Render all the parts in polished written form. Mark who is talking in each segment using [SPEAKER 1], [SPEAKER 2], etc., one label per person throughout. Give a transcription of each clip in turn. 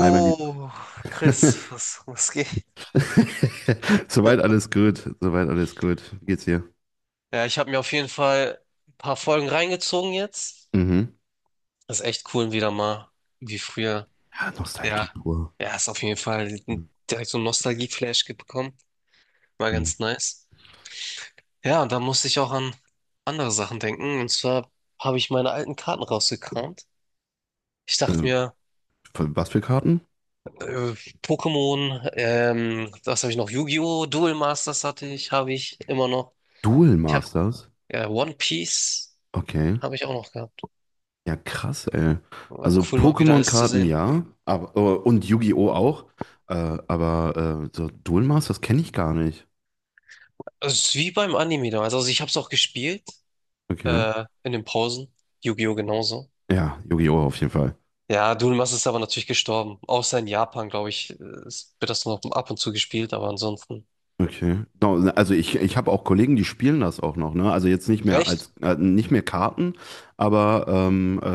[SPEAKER 1] Hi, mein Lieber.
[SPEAKER 2] Chris, was geht?
[SPEAKER 1] Soweit alles gut. Soweit alles gut. Wie geht's dir?
[SPEAKER 2] Ja, ich habe mir auf jeden Fall ein paar Folgen reingezogen jetzt.
[SPEAKER 1] Mhm.
[SPEAKER 2] Das ist echt cool, wieder mal wie früher.
[SPEAKER 1] Ja,
[SPEAKER 2] Ja,
[SPEAKER 1] Nostalgie pur.
[SPEAKER 2] ja, ist auf jeden Fall direkt so ein Nostalgie-Flash bekommen. War
[SPEAKER 1] Mhm.
[SPEAKER 2] ganz nice. Ja, und da musste ich auch an andere Sachen denken. Und zwar habe ich meine alten Karten rausgekramt. Ich dachte
[SPEAKER 1] Ähm,
[SPEAKER 2] mir,
[SPEAKER 1] Was für Karten?
[SPEAKER 2] äh, Pokémon, was habe ich noch? Yu-Gi-Oh! Duel Masters hatte ich, habe ich immer noch.
[SPEAKER 1] Duel
[SPEAKER 2] Ich habe
[SPEAKER 1] Masters?
[SPEAKER 2] ja, One Piece
[SPEAKER 1] Okay.
[SPEAKER 2] habe ich auch noch gehabt.
[SPEAKER 1] Ja, krass, ey.
[SPEAKER 2] Aber
[SPEAKER 1] Also
[SPEAKER 2] Cool, mal wieder alles zu
[SPEAKER 1] Pokémon-Karten
[SPEAKER 2] sehen.
[SPEAKER 1] ja, aber, und Yu-Gi-Oh! Auch. Aber so Duel Masters kenne ich gar nicht.
[SPEAKER 2] Also, es ist wie beim Anime damals. Also ich habe es auch gespielt,
[SPEAKER 1] Okay.
[SPEAKER 2] in den Pausen. Yu-Gi-Oh! Genauso.
[SPEAKER 1] Ja, Yu-Gi-Oh! Auf jeden Fall.
[SPEAKER 2] Ja, Duel-Master ist aber natürlich gestorben. Außer in Japan, glaube ich, wird das noch ab und zu gespielt, aber ansonsten.
[SPEAKER 1] Okay. No, ne, also ich habe auch Kollegen, die spielen das auch noch, ne? Also jetzt nicht mehr als
[SPEAKER 2] Echt?
[SPEAKER 1] äh, nicht mehr Karten, aber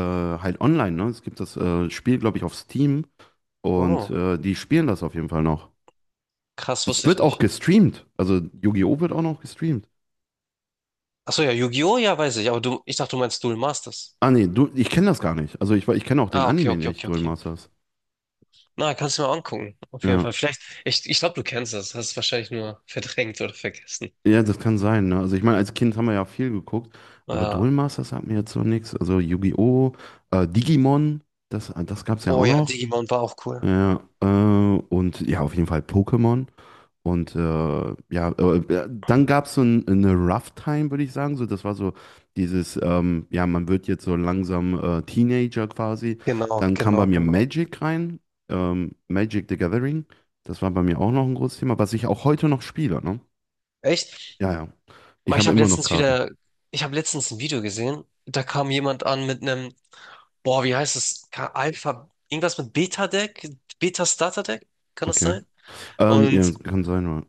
[SPEAKER 1] halt online, ne? Es gibt das Spiel, glaube ich, auf Steam und
[SPEAKER 2] Oh,
[SPEAKER 1] die spielen das auf jeden Fall noch.
[SPEAKER 2] krass,
[SPEAKER 1] Es
[SPEAKER 2] wusste ich
[SPEAKER 1] wird auch
[SPEAKER 2] nicht.
[SPEAKER 1] gestreamt. Also Yu-Gi-Oh! Wird auch noch gestreamt.
[SPEAKER 2] Achso, ja, Yu-Gi-Oh! Ja, weiß ich, aber du, ich dachte, du meinst Duel Masters.
[SPEAKER 1] Ah nee, du, ich kenne das gar nicht. Also ich kenne auch den
[SPEAKER 2] Ah, okay,
[SPEAKER 1] Anime
[SPEAKER 2] okay,
[SPEAKER 1] nicht,
[SPEAKER 2] okay,
[SPEAKER 1] Duel
[SPEAKER 2] okay.
[SPEAKER 1] Masters.
[SPEAKER 2] Na, kannst du mal angucken. Auf jeden
[SPEAKER 1] Ja.
[SPEAKER 2] Fall. Vielleicht, ich glaube, du kennst das. Hast es wahrscheinlich nur verdrängt oder vergessen.
[SPEAKER 1] Ja, das kann sein, ne? Also ich meine, als Kind haben wir ja viel geguckt, aber Duel
[SPEAKER 2] Ja.
[SPEAKER 1] Masters sagt mir jetzt noch nichts. Also Yu-Gi-Oh! Digimon, das gab es ja
[SPEAKER 2] Oh
[SPEAKER 1] auch
[SPEAKER 2] ja,
[SPEAKER 1] noch.
[SPEAKER 2] Digimon war auch cool.
[SPEAKER 1] Ja, und ja, auf jeden Fall Pokémon. Und ja, dann gab es so eine Rough Time, würde ich sagen. So, das war so dieses, ja, man wird jetzt so langsam Teenager quasi.
[SPEAKER 2] Genau,
[SPEAKER 1] Dann kam bei
[SPEAKER 2] genau,
[SPEAKER 1] mir
[SPEAKER 2] genau.
[SPEAKER 1] Magic rein, Magic the Gathering. Das war bei mir auch noch ein großes Thema, was ich auch heute noch spiele, ne?
[SPEAKER 2] Echt?
[SPEAKER 1] Ja, ja. Ich
[SPEAKER 2] Ich
[SPEAKER 1] habe
[SPEAKER 2] habe
[SPEAKER 1] immer noch
[SPEAKER 2] letztens
[SPEAKER 1] Karten.
[SPEAKER 2] wieder, ich habe letztens ein Video gesehen, da kam jemand an mit einem, boah, wie heißt es? Alpha, irgendwas mit Beta-Deck, Beta-Starter-Deck, kann das
[SPEAKER 1] Okay.
[SPEAKER 2] sein?
[SPEAKER 1] Ja,
[SPEAKER 2] Und
[SPEAKER 1] kann sein, ja.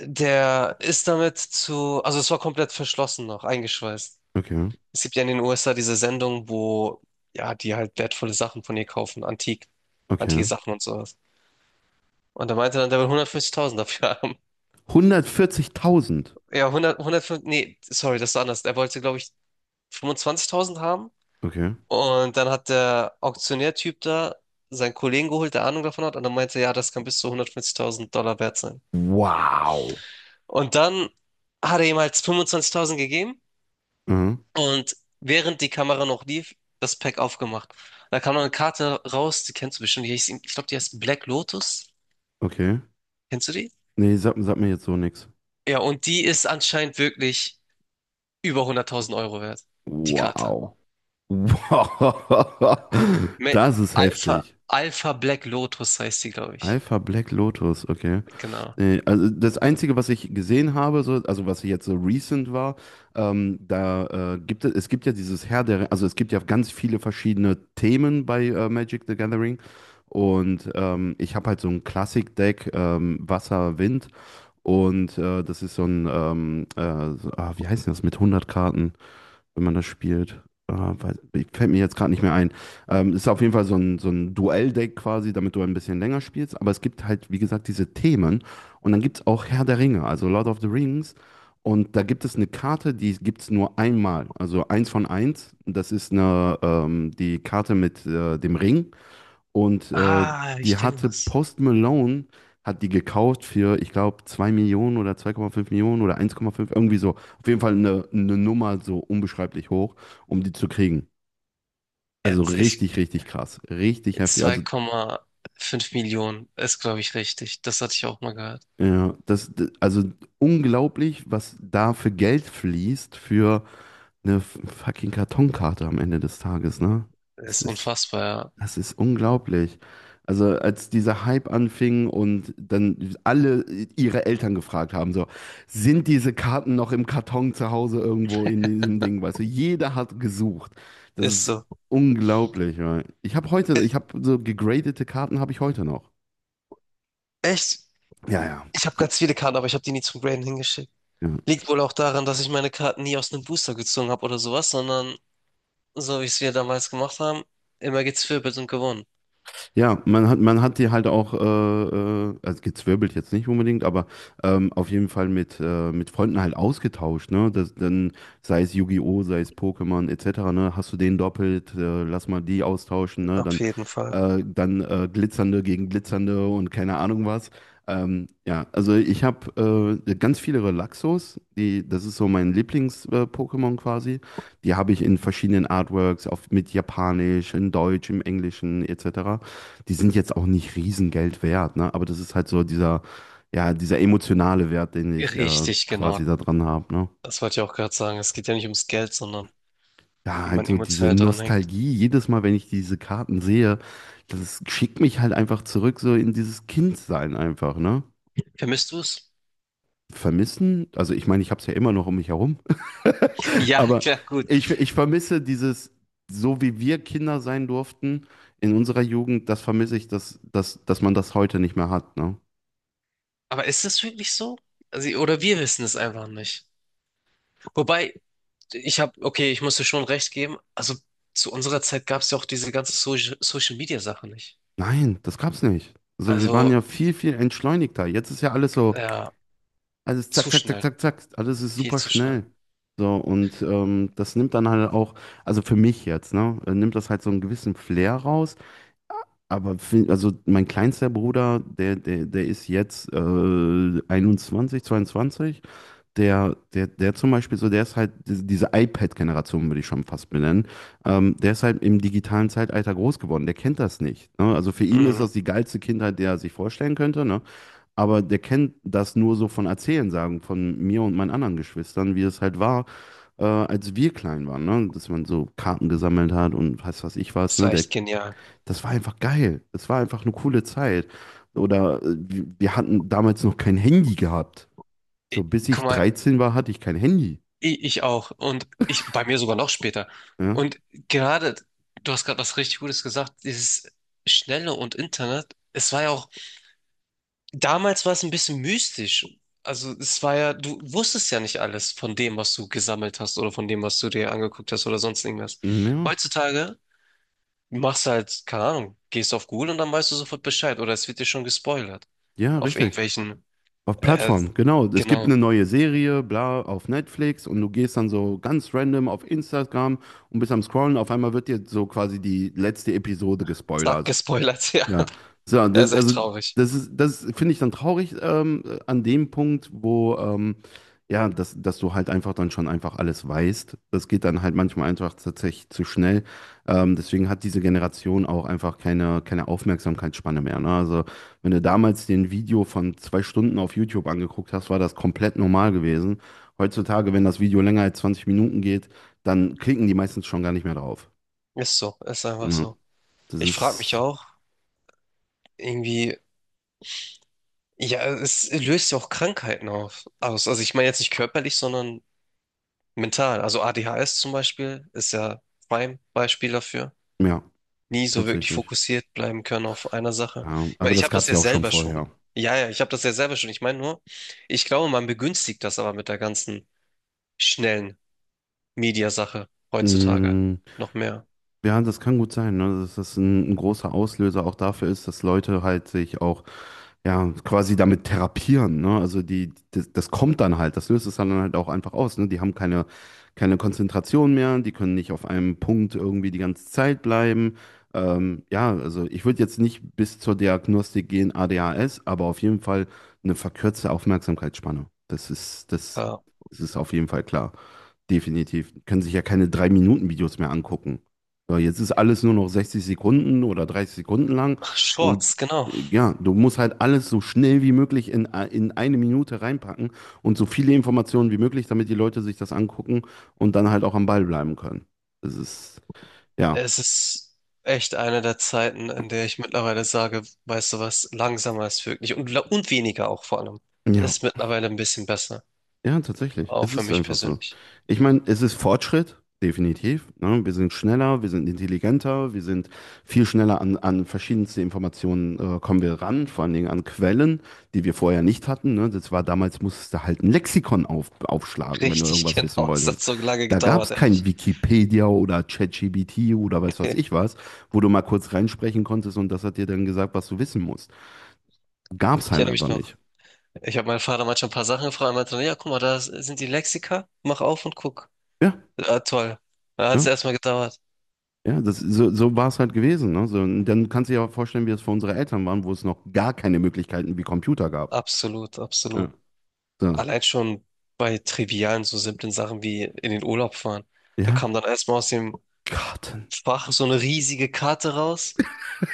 [SPEAKER 2] der ist damit zu, also es war komplett verschlossen noch, eingeschweißt.
[SPEAKER 1] Okay,
[SPEAKER 2] Es gibt ja in den USA diese Sendung, wo, ja, die halt wertvolle Sachen von ihr kaufen, antik, antike
[SPEAKER 1] okay.
[SPEAKER 2] Sachen und sowas. Und da meinte dann, der will 150.000 dafür haben.
[SPEAKER 1] 140.000.
[SPEAKER 2] Ja, hundert, hundertfünf, nee, sorry, das ist anders. Er wollte, glaube ich, 25.000 haben.
[SPEAKER 1] Okay.
[SPEAKER 2] Und dann hat der Auktionärtyp da seinen Kollegen geholt, der Ahnung davon hat, und dann meinte, er, ja, das kann bis zu 150.000$ wert sein.
[SPEAKER 1] Wow.
[SPEAKER 2] Und dann hat er ihm halt 25.000 gegeben
[SPEAKER 1] Mhm.
[SPEAKER 2] und während die Kamera noch lief, das Pack aufgemacht. Da kam noch eine Karte raus, die kennst du bestimmt, die hieß, ich glaube, die heißt Black Lotus.
[SPEAKER 1] Okay.
[SPEAKER 2] Kennst du die?
[SPEAKER 1] Nee, sag mir jetzt so nichts.
[SPEAKER 2] Ja, und die ist anscheinend wirklich über 100.000€ wert, die Karte.
[SPEAKER 1] Wow. Wow,
[SPEAKER 2] Me-
[SPEAKER 1] das ist
[SPEAKER 2] Alpha,
[SPEAKER 1] heftig.
[SPEAKER 2] Alpha Black Lotus heißt die, glaube ich.
[SPEAKER 1] Alpha Black Lotus, okay.
[SPEAKER 2] Genau.
[SPEAKER 1] Nee, also das Einzige, was ich gesehen habe, so, also was jetzt so recent war, da es gibt ja dieses also es gibt ja ganz viele verschiedene Themen bei Magic the Gathering. Und ich habe halt so ein Classic-Deck, Wasser, Wind. Und das ist so wie heißt denn das mit 100 Karten, wenn man das spielt? Äh, weiß, Fällt mir jetzt gerade nicht mehr ein. Ist auf jeden Fall so ein Duelldeck quasi, damit du ein bisschen länger spielst. Aber es gibt halt, wie gesagt, diese Themen. Und dann gibt es auch Herr der Ringe, also Lord of the Rings. Und da gibt es eine Karte, die gibt es nur einmal. Also eins von eins. Das ist die Karte mit dem Ring. Und
[SPEAKER 2] Ah,
[SPEAKER 1] die
[SPEAKER 2] ich kenne
[SPEAKER 1] hatte
[SPEAKER 2] das.
[SPEAKER 1] Post Malone, hat die gekauft für, ich glaube, 2 Millionen oder 2,5 Millionen oder 1,5 irgendwie so. Auf jeden Fall eine Nummer so unbeschreiblich hoch, um die zu kriegen. Also
[SPEAKER 2] Jetzt, ich,
[SPEAKER 1] richtig, richtig krass. Richtig
[SPEAKER 2] jetzt
[SPEAKER 1] heftig.
[SPEAKER 2] zwei
[SPEAKER 1] Also,
[SPEAKER 2] Komma fünf Millionen ist, glaube ich, richtig. Das hatte ich auch mal gehört.
[SPEAKER 1] ja, also unglaublich, was da für Geld fließt für eine fucking Kartonkarte am Ende des Tages, ne? Das
[SPEAKER 2] Ist
[SPEAKER 1] ist.
[SPEAKER 2] unfassbar, ja.
[SPEAKER 1] Das ist unglaublich. Also als dieser Hype anfing und dann alle ihre Eltern gefragt haben, so, sind diese Karten noch im Karton zu Hause irgendwo in diesem Ding, weißt du, jeder hat gesucht. Das
[SPEAKER 2] Ist
[SPEAKER 1] ist
[SPEAKER 2] so.
[SPEAKER 1] unglaublich. Ja.
[SPEAKER 2] Äh,
[SPEAKER 1] Ich habe so gegradete Karten habe ich heute noch.
[SPEAKER 2] Echt?
[SPEAKER 1] Ja, ja.
[SPEAKER 2] Ich habe
[SPEAKER 1] Die-
[SPEAKER 2] ganz viele Karten, aber ich habe die nie zum Graden hingeschickt.
[SPEAKER 1] Ja.
[SPEAKER 2] Liegt wohl auch daran, dass ich meine Karten nie aus einem Booster gezogen habe oder sowas, sondern so wie es wir damals gemacht haben, immer gezwirbelt und gewonnen.
[SPEAKER 1] Ja, man hat die halt auch, also gezwirbelt jetzt nicht unbedingt, aber auf jeden Fall mit Freunden halt ausgetauscht, ne? Dann, sei es Yu-Gi-Oh!, sei es Pokémon etc., ne? Hast du den doppelt, lass mal die austauschen, ne?
[SPEAKER 2] Auf
[SPEAKER 1] Dann,
[SPEAKER 2] jeden Fall.
[SPEAKER 1] äh, dann äh, Glitzernde gegen Glitzernde und keine Ahnung was. Ja, also ich habe ganz viele Relaxos, das ist so mein Lieblings-Pokémon quasi. Die habe ich in verschiedenen Artworks, mit Japanisch, in Deutsch, im Englischen etc. Die sind jetzt auch nicht Riesengeld wert, ne? Aber das ist halt so dieser, ja, dieser emotionale Wert, den ich
[SPEAKER 2] Richtig,
[SPEAKER 1] quasi
[SPEAKER 2] genau.
[SPEAKER 1] da dran habe, ne?
[SPEAKER 2] Das wollte ich auch gerade sagen. Es geht ja nicht ums Geld, sondern
[SPEAKER 1] Ja,
[SPEAKER 2] wie
[SPEAKER 1] halt
[SPEAKER 2] man
[SPEAKER 1] so diese
[SPEAKER 2] emotional dran hängt.
[SPEAKER 1] Nostalgie, jedes Mal, wenn ich diese Karten sehe, das schickt mich halt einfach zurück, so in dieses Kindsein einfach, ne?
[SPEAKER 2] Vermisst du es?
[SPEAKER 1] Vermissen, also ich meine, ich habe es ja immer noch um mich herum,
[SPEAKER 2] Ja,
[SPEAKER 1] aber
[SPEAKER 2] klar, gut.
[SPEAKER 1] ich vermisse dieses, so wie wir Kinder sein durften in unserer Jugend, das vermisse ich, dass man das heute nicht mehr hat, ne?
[SPEAKER 2] Aber ist es wirklich so? Also, oder wir wissen es einfach nicht. Wobei, ich habe, okay, ich muss dir schon recht geben. Also zu unserer Zeit gab es ja auch diese ganze so Social Media Sache nicht.
[SPEAKER 1] Nein, das gab's nicht. Also wir waren
[SPEAKER 2] Also,
[SPEAKER 1] ja viel, viel entschleunigter. Jetzt ist ja alles so,
[SPEAKER 2] ja,
[SPEAKER 1] alles zack,
[SPEAKER 2] zu
[SPEAKER 1] zack, zack,
[SPEAKER 2] schnell,
[SPEAKER 1] zack, zack, alles ist
[SPEAKER 2] viel
[SPEAKER 1] super
[SPEAKER 2] zu schnell.
[SPEAKER 1] schnell. So, und das nimmt dann halt auch, also für mich jetzt, ne, nimmt das halt so einen gewissen Flair raus. Aber also mein kleinster Bruder, der ist jetzt 21, 22. Der zum Beispiel so, der ist halt diese iPad-Generation, würde ich schon fast benennen. Der ist halt im digitalen Zeitalter groß geworden. Der kennt das nicht. Ne? Also für ihn ist
[SPEAKER 2] Mhm.
[SPEAKER 1] das die geilste Kindheit, die er sich vorstellen könnte. Ne? Aber der kennt das nur so von Erzählen, sagen, von mir und meinen anderen Geschwistern, wie es halt war, als wir klein waren. Ne? Dass man so Karten gesammelt hat und weiß was ich was.
[SPEAKER 2] Das
[SPEAKER 1] Ne?
[SPEAKER 2] war echt genial.
[SPEAKER 1] Das war einfach geil. Das war einfach eine coole Zeit. Oder wir hatten damals noch kein Handy gehabt. So,
[SPEAKER 2] Ich,
[SPEAKER 1] bis
[SPEAKER 2] guck
[SPEAKER 1] ich
[SPEAKER 2] mal,
[SPEAKER 1] 13 war, hatte ich kein Handy.
[SPEAKER 2] ich auch. Und ich bei mir sogar noch später.
[SPEAKER 1] Ja,
[SPEAKER 2] Und gerade, du hast gerade was richtig Gutes gesagt, dieses Schnelle und Internet, es war ja auch damals war es ein bisschen mystisch. Also es war ja, du wusstest ja nicht alles von dem, was du gesammelt hast oder von dem, was du dir angeguckt hast oder sonst irgendwas.
[SPEAKER 1] hm, ja,
[SPEAKER 2] Heutzutage machst du halt, keine Ahnung, gehst auf Google und dann weißt du sofort Bescheid oder es wird dir schon gespoilert.
[SPEAKER 1] ja,
[SPEAKER 2] Auf
[SPEAKER 1] richtig.
[SPEAKER 2] irgendwelchen,
[SPEAKER 1] Auf
[SPEAKER 2] äh,
[SPEAKER 1] Plattform, genau. Es gibt
[SPEAKER 2] genau,
[SPEAKER 1] eine neue Serie, bla, auf Netflix und du gehst dann so ganz random auf Instagram und bist am Scrollen. Auf einmal wird dir so quasi die letzte Episode
[SPEAKER 2] zack,
[SPEAKER 1] gespoilert.
[SPEAKER 2] gespoilert, ja.
[SPEAKER 1] Ja, so,
[SPEAKER 2] Er ist
[SPEAKER 1] das,
[SPEAKER 2] echt
[SPEAKER 1] also
[SPEAKER 2] traurig.
[SPEAKER 1] das ist, das finde ich dann traurig an dem Punkt, wo ja, dass du halt einfach dann schon einfach alles weißt. Das geht dann halt manchmal einfach tatsächlich zu schnell. Deswegen hat diese Generation auch einfach keine Aufmerksamkeitsspanne mehr. Ne? Also wenn du damals den Video von 2 Stunden auf YouTube angeguckt hast, war das komplett normal gewesen. Heutzutage, wenn das Video länger als 20 Minuten geht, dann klicken die meistens schon gar nicht mehr drauf.
[SPEAKER 2] Ist so, ist einfach
[SPEAKER 1] Ja,
[SPEAKER 2] so.
[SPEAKER 1] das
[SPEAKER 2] Ich frage mich
[SPEAKER 1] ist,
[SPEAKER 2] auch, irgendwie, ja, es löst ja auch Krankheiten auf, aus. Also ich meine jetzt nicht körperlich, sondern mental, also ADHS zum Beispiel ist ja Prime-Beispiel dafür.
[SPEAKER 1] ja,
[SPEAKER 2] Nie so wirklich
[SPEAKER 1] tatsächlich.
[SPEAKER 2] fokussiert bleiben können auf einer Sache.
[SPEAKER 1] Ja,
[SPEAKER 2] Ich
[SPEAKER 1] aber
[SPEAKER 2] meine, ich
[SPEAKER 1] das
[SPEAKER 2] habe
[SPEAKER 1] gab
[SPEAKER 2] das
[SPEAKER 1] es
[SPEAKER 2] ja
[SPEAKER 1] ja auch schon
[SPEAKER 2] selber schon.
[SPEAKER 1] vorher.
[SPEAKER 2] Ja, ja, ich habe das ja selber schon. Ich meine nur, ich glaube, man begünstigt das aber mit der ganzen schnellen Mediasache heutzutage
[SPEAKER 1] Mm,
[SPEAKER 2] noch mehr.
[SPEAKER 1] ja, das kann gut sein, ne? Dass das ein großer Auslöser auch dafür ist, dass Leute halt sich auch ja quasi damit therapieren. Ne? Also das kommt dann halt, das löst es dann halt auch einfach aus. Ne? Die haben keine Konzentration mehr, die können nicht auf einem Punkt irgendwie die ganze Zeit bleiben. Ja, also ich würde jetzt nicht bis zur Diagnostik gehen, ADHS, aber auf jeden Fall eine verkürzte Aufmerksamkeitsspanne.
[SPEAKER 2] Ja.
[SPEAKER 1] Das ist auf jeden Fall klar. Definitiv. Können sich ja keine 3 Minuten Videos mehr angucken. So, jetzt ist alles nur noch 60 Sekunden oder 30 Sekunden lang
[SPEAKER 2] Ach,
[SPEAKER 1] und
[SPEAKER 2] Shorts, genau.
[SPEAKER 1] ja, du musst halt alles so schnell wie möglich in eine Minute reinpacken und so viele Informationen wie möglich, damit die Leute sich das angucken und dann halt auch am Ball bleiben können. Das ist, ja.
[SPEAKER 2] Es ist echt eine der Zeiten, in der ich mittlerweile sage, weißt du was, langsamer ist wirklich und, weniger auch vor allem.
[SPEAKER 1] Ja.
[SPEAKER 2] Ist mittlerweile ein bisschen besser,
[SPEAKER 1] Ja, tatsächlich.
[SPEAKER 2] auch
[SPEAKER 1] Es
[SPEAKER 2] für
[SPEAKER 1] ist
[SPEAKER 2] mich
[SPEAKER 1] einfach so.
[SPEAKER 2] persönlich.
[SPEAKER 1] Ich meine, es ist Fortschritt, definitiv. Ne? Wir sind schneller, wir sind intelligenter, wir sind viel schneller an verschiedenste Informationen kommen wir ran, vor allen Dingen an Quellen, die wir vorher nicht hatten. Ne? Das war damals, musstest du halt ein Lexikon aufschlagen, wenn du
[SPEAKER 2] Richtig,
[SPEAKER 1] irgendwas wissen
[SPEAKER 2] genau. Es
[SPEAKER 1] wolltest.
[SPEAKER 2] hat so lange
[SPEAKER 1] Da gab
[SPEAKER 2] gedauert,
[SPEAKER 1] es kein
[SPEAKER 2] ehrlich.
[SPEAKER 1] Wikipedia oder ChatGPT oder weiß was
[SPEAKER 2] Nee,
[SPEAKER 1] ich was, wo du mal kurz reinsprechen konntest und das hat dir dann gesagt, was du wissen musst. Gab es
[SPEAKER 2] ich
[SPEAKER 1] halt
[SPEAKER 2] erinnere
[SPEAKER 1] einfach
[SPEAKER 2] mich noch.
[SPEAKER 1] nicht.
[SPEAKER 2] Ich habe meinen Vater manchmal ein paar Sachen gefragt. Er meinte, dann, ja, guck mal, da sind die Lexika. Mach auf und guck.
[SPEAKER 1] Ja,
[SPEAKER 2] Ah, toll. Da hat es
[SPEAKER 1] ja.
[SPEAKER 2] erstmal gedauert.
[SPEAKER 1] Ja, so war es halt gewesen. Ne? So, und dann kannst du dir ja vorstellen, wie es für unsere Eltern waren, wo es noch gar keine Möglichkeiten wie Computer gab.
[SPEAKER 2] Absolut, absolut.
[SPEAKER 1] Ja, so.
[SPEAKER 2] Allein schon bei trivialen, so simplen Sachen wie in den Urlaub fahren. Da
[SPEAKER 1] Ja,
[SPEAKER 2] kam dann erstmal aus dem
[SPEAKER 1] Garten.
[SPEAKER 2] Fach so eine riesige Karte raus.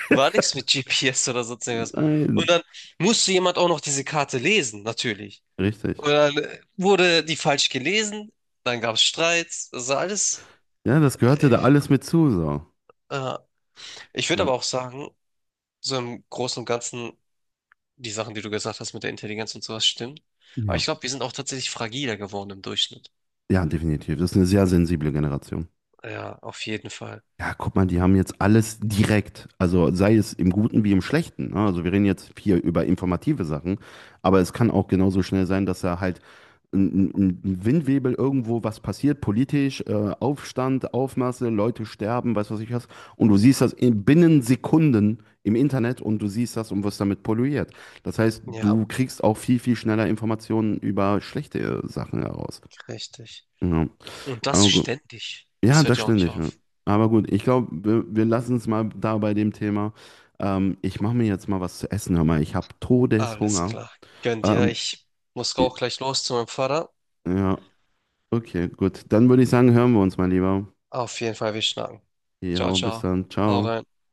[SPEAKER 2] War nichts mit GPS oder sonst irgendwas. Und
[SPEAKER 1] Nein,
[SPEAKER 2] dann musste jemand auch noch diese Karte lesen, natürlich.
[SPEAKER 1] richtig.
[SPEAKER 2] Oder wurde die falsch gelesen? Dann gab es Streit. Das war alles.
[SPEAKER 1] Ja, das gehörte da
[SPEAKER 2] Äh,
[SPEAKER 1] alles mit zu. So.
[SPEAKER 2] äh. Ich würde
[SPEAKER 1] Ja.
[SPEAKER 2] aber auch sagen, so im Großen und Ganzen, die Sachen, die du gesagt hast mit der Intelligenz und sowas, stimmen. Aber
[SPEAKER 1] Ja,
[SPEAKER 2] ich glaube, wir sind auch tatsächlich fragiler geworden im Durchschnitt.
[SPEAKER 1] ja, definitiv. Das ist eine sehr sensible Generation.
[SPEAKER 2] Ja, auf jeden Fall.
[SPEAKER 1] Ja, guck mal, die haben jetzt alles direkt, also sei es im Guten wie im Schlechten, ne? Also wir reden jetzt hier über informative Sachen, aber es kann auch genauso schnell sein, dass da halt ein, ein Windwebel irgendwo was passiert, politisch, Aufstand, Aufmaße, Leute sterben, weiß was ich was. Und du siehst das binnen Sekunden im Internet und du siehst das und wirst damit polluiert. Das heißt,
[SPEAKER 2] Ja,
[SPEAKER 1] du kriegst auch viel, viel schneller Informationen über schlechte Sachen heraus.
[SPEAKER 2] richtig.
[SPEAKER 1] Ja.
[SPEAKER 2] Und das
[SPEAKER 1] Aber gut.
[SPEAKER 2] ständig.
[SPEAKER 1] Ja,
[SPEAKER 2] Es hört
[SPEAKER 1] das
[SPEAKER 2] ja auch
[SPEAKER 1] stimmt
[SPEAKER 2] nicht
[SPEAKER 1] nicht. Ja.
[SPEAKER 2] auf.
[SPEAKER 1] Aber gut, ich glaube, wir lassen es mal da bei dem Thema. Ich mache mir jetzt mal was zu essen, hör mal. Ich habe
[SPEAKER 2] Alles
[SPEAKER 1] Todeshunger.
[SPEAKER 2] klar. Gönn dir.
[SPEAKER 1] Ähm,
[SPEAKER 2] Ich muss auch gleich los zu meinem Vater.
[SPEAKER 1] ja, okay, gut. Dann würde ich sagen, hören wir uns mal lieber.
[SPEAKER 2] Auf jeden Fall, wir schnacken. Ciao,
[SPEAKER 1] Jo, bis
[SPEAKER 2] ciao.
[SPEAKER 1] dann.
[SPEAKER 2] Hau
[SPEAKER 1] Ciao.
[SPEAKER 2] rein.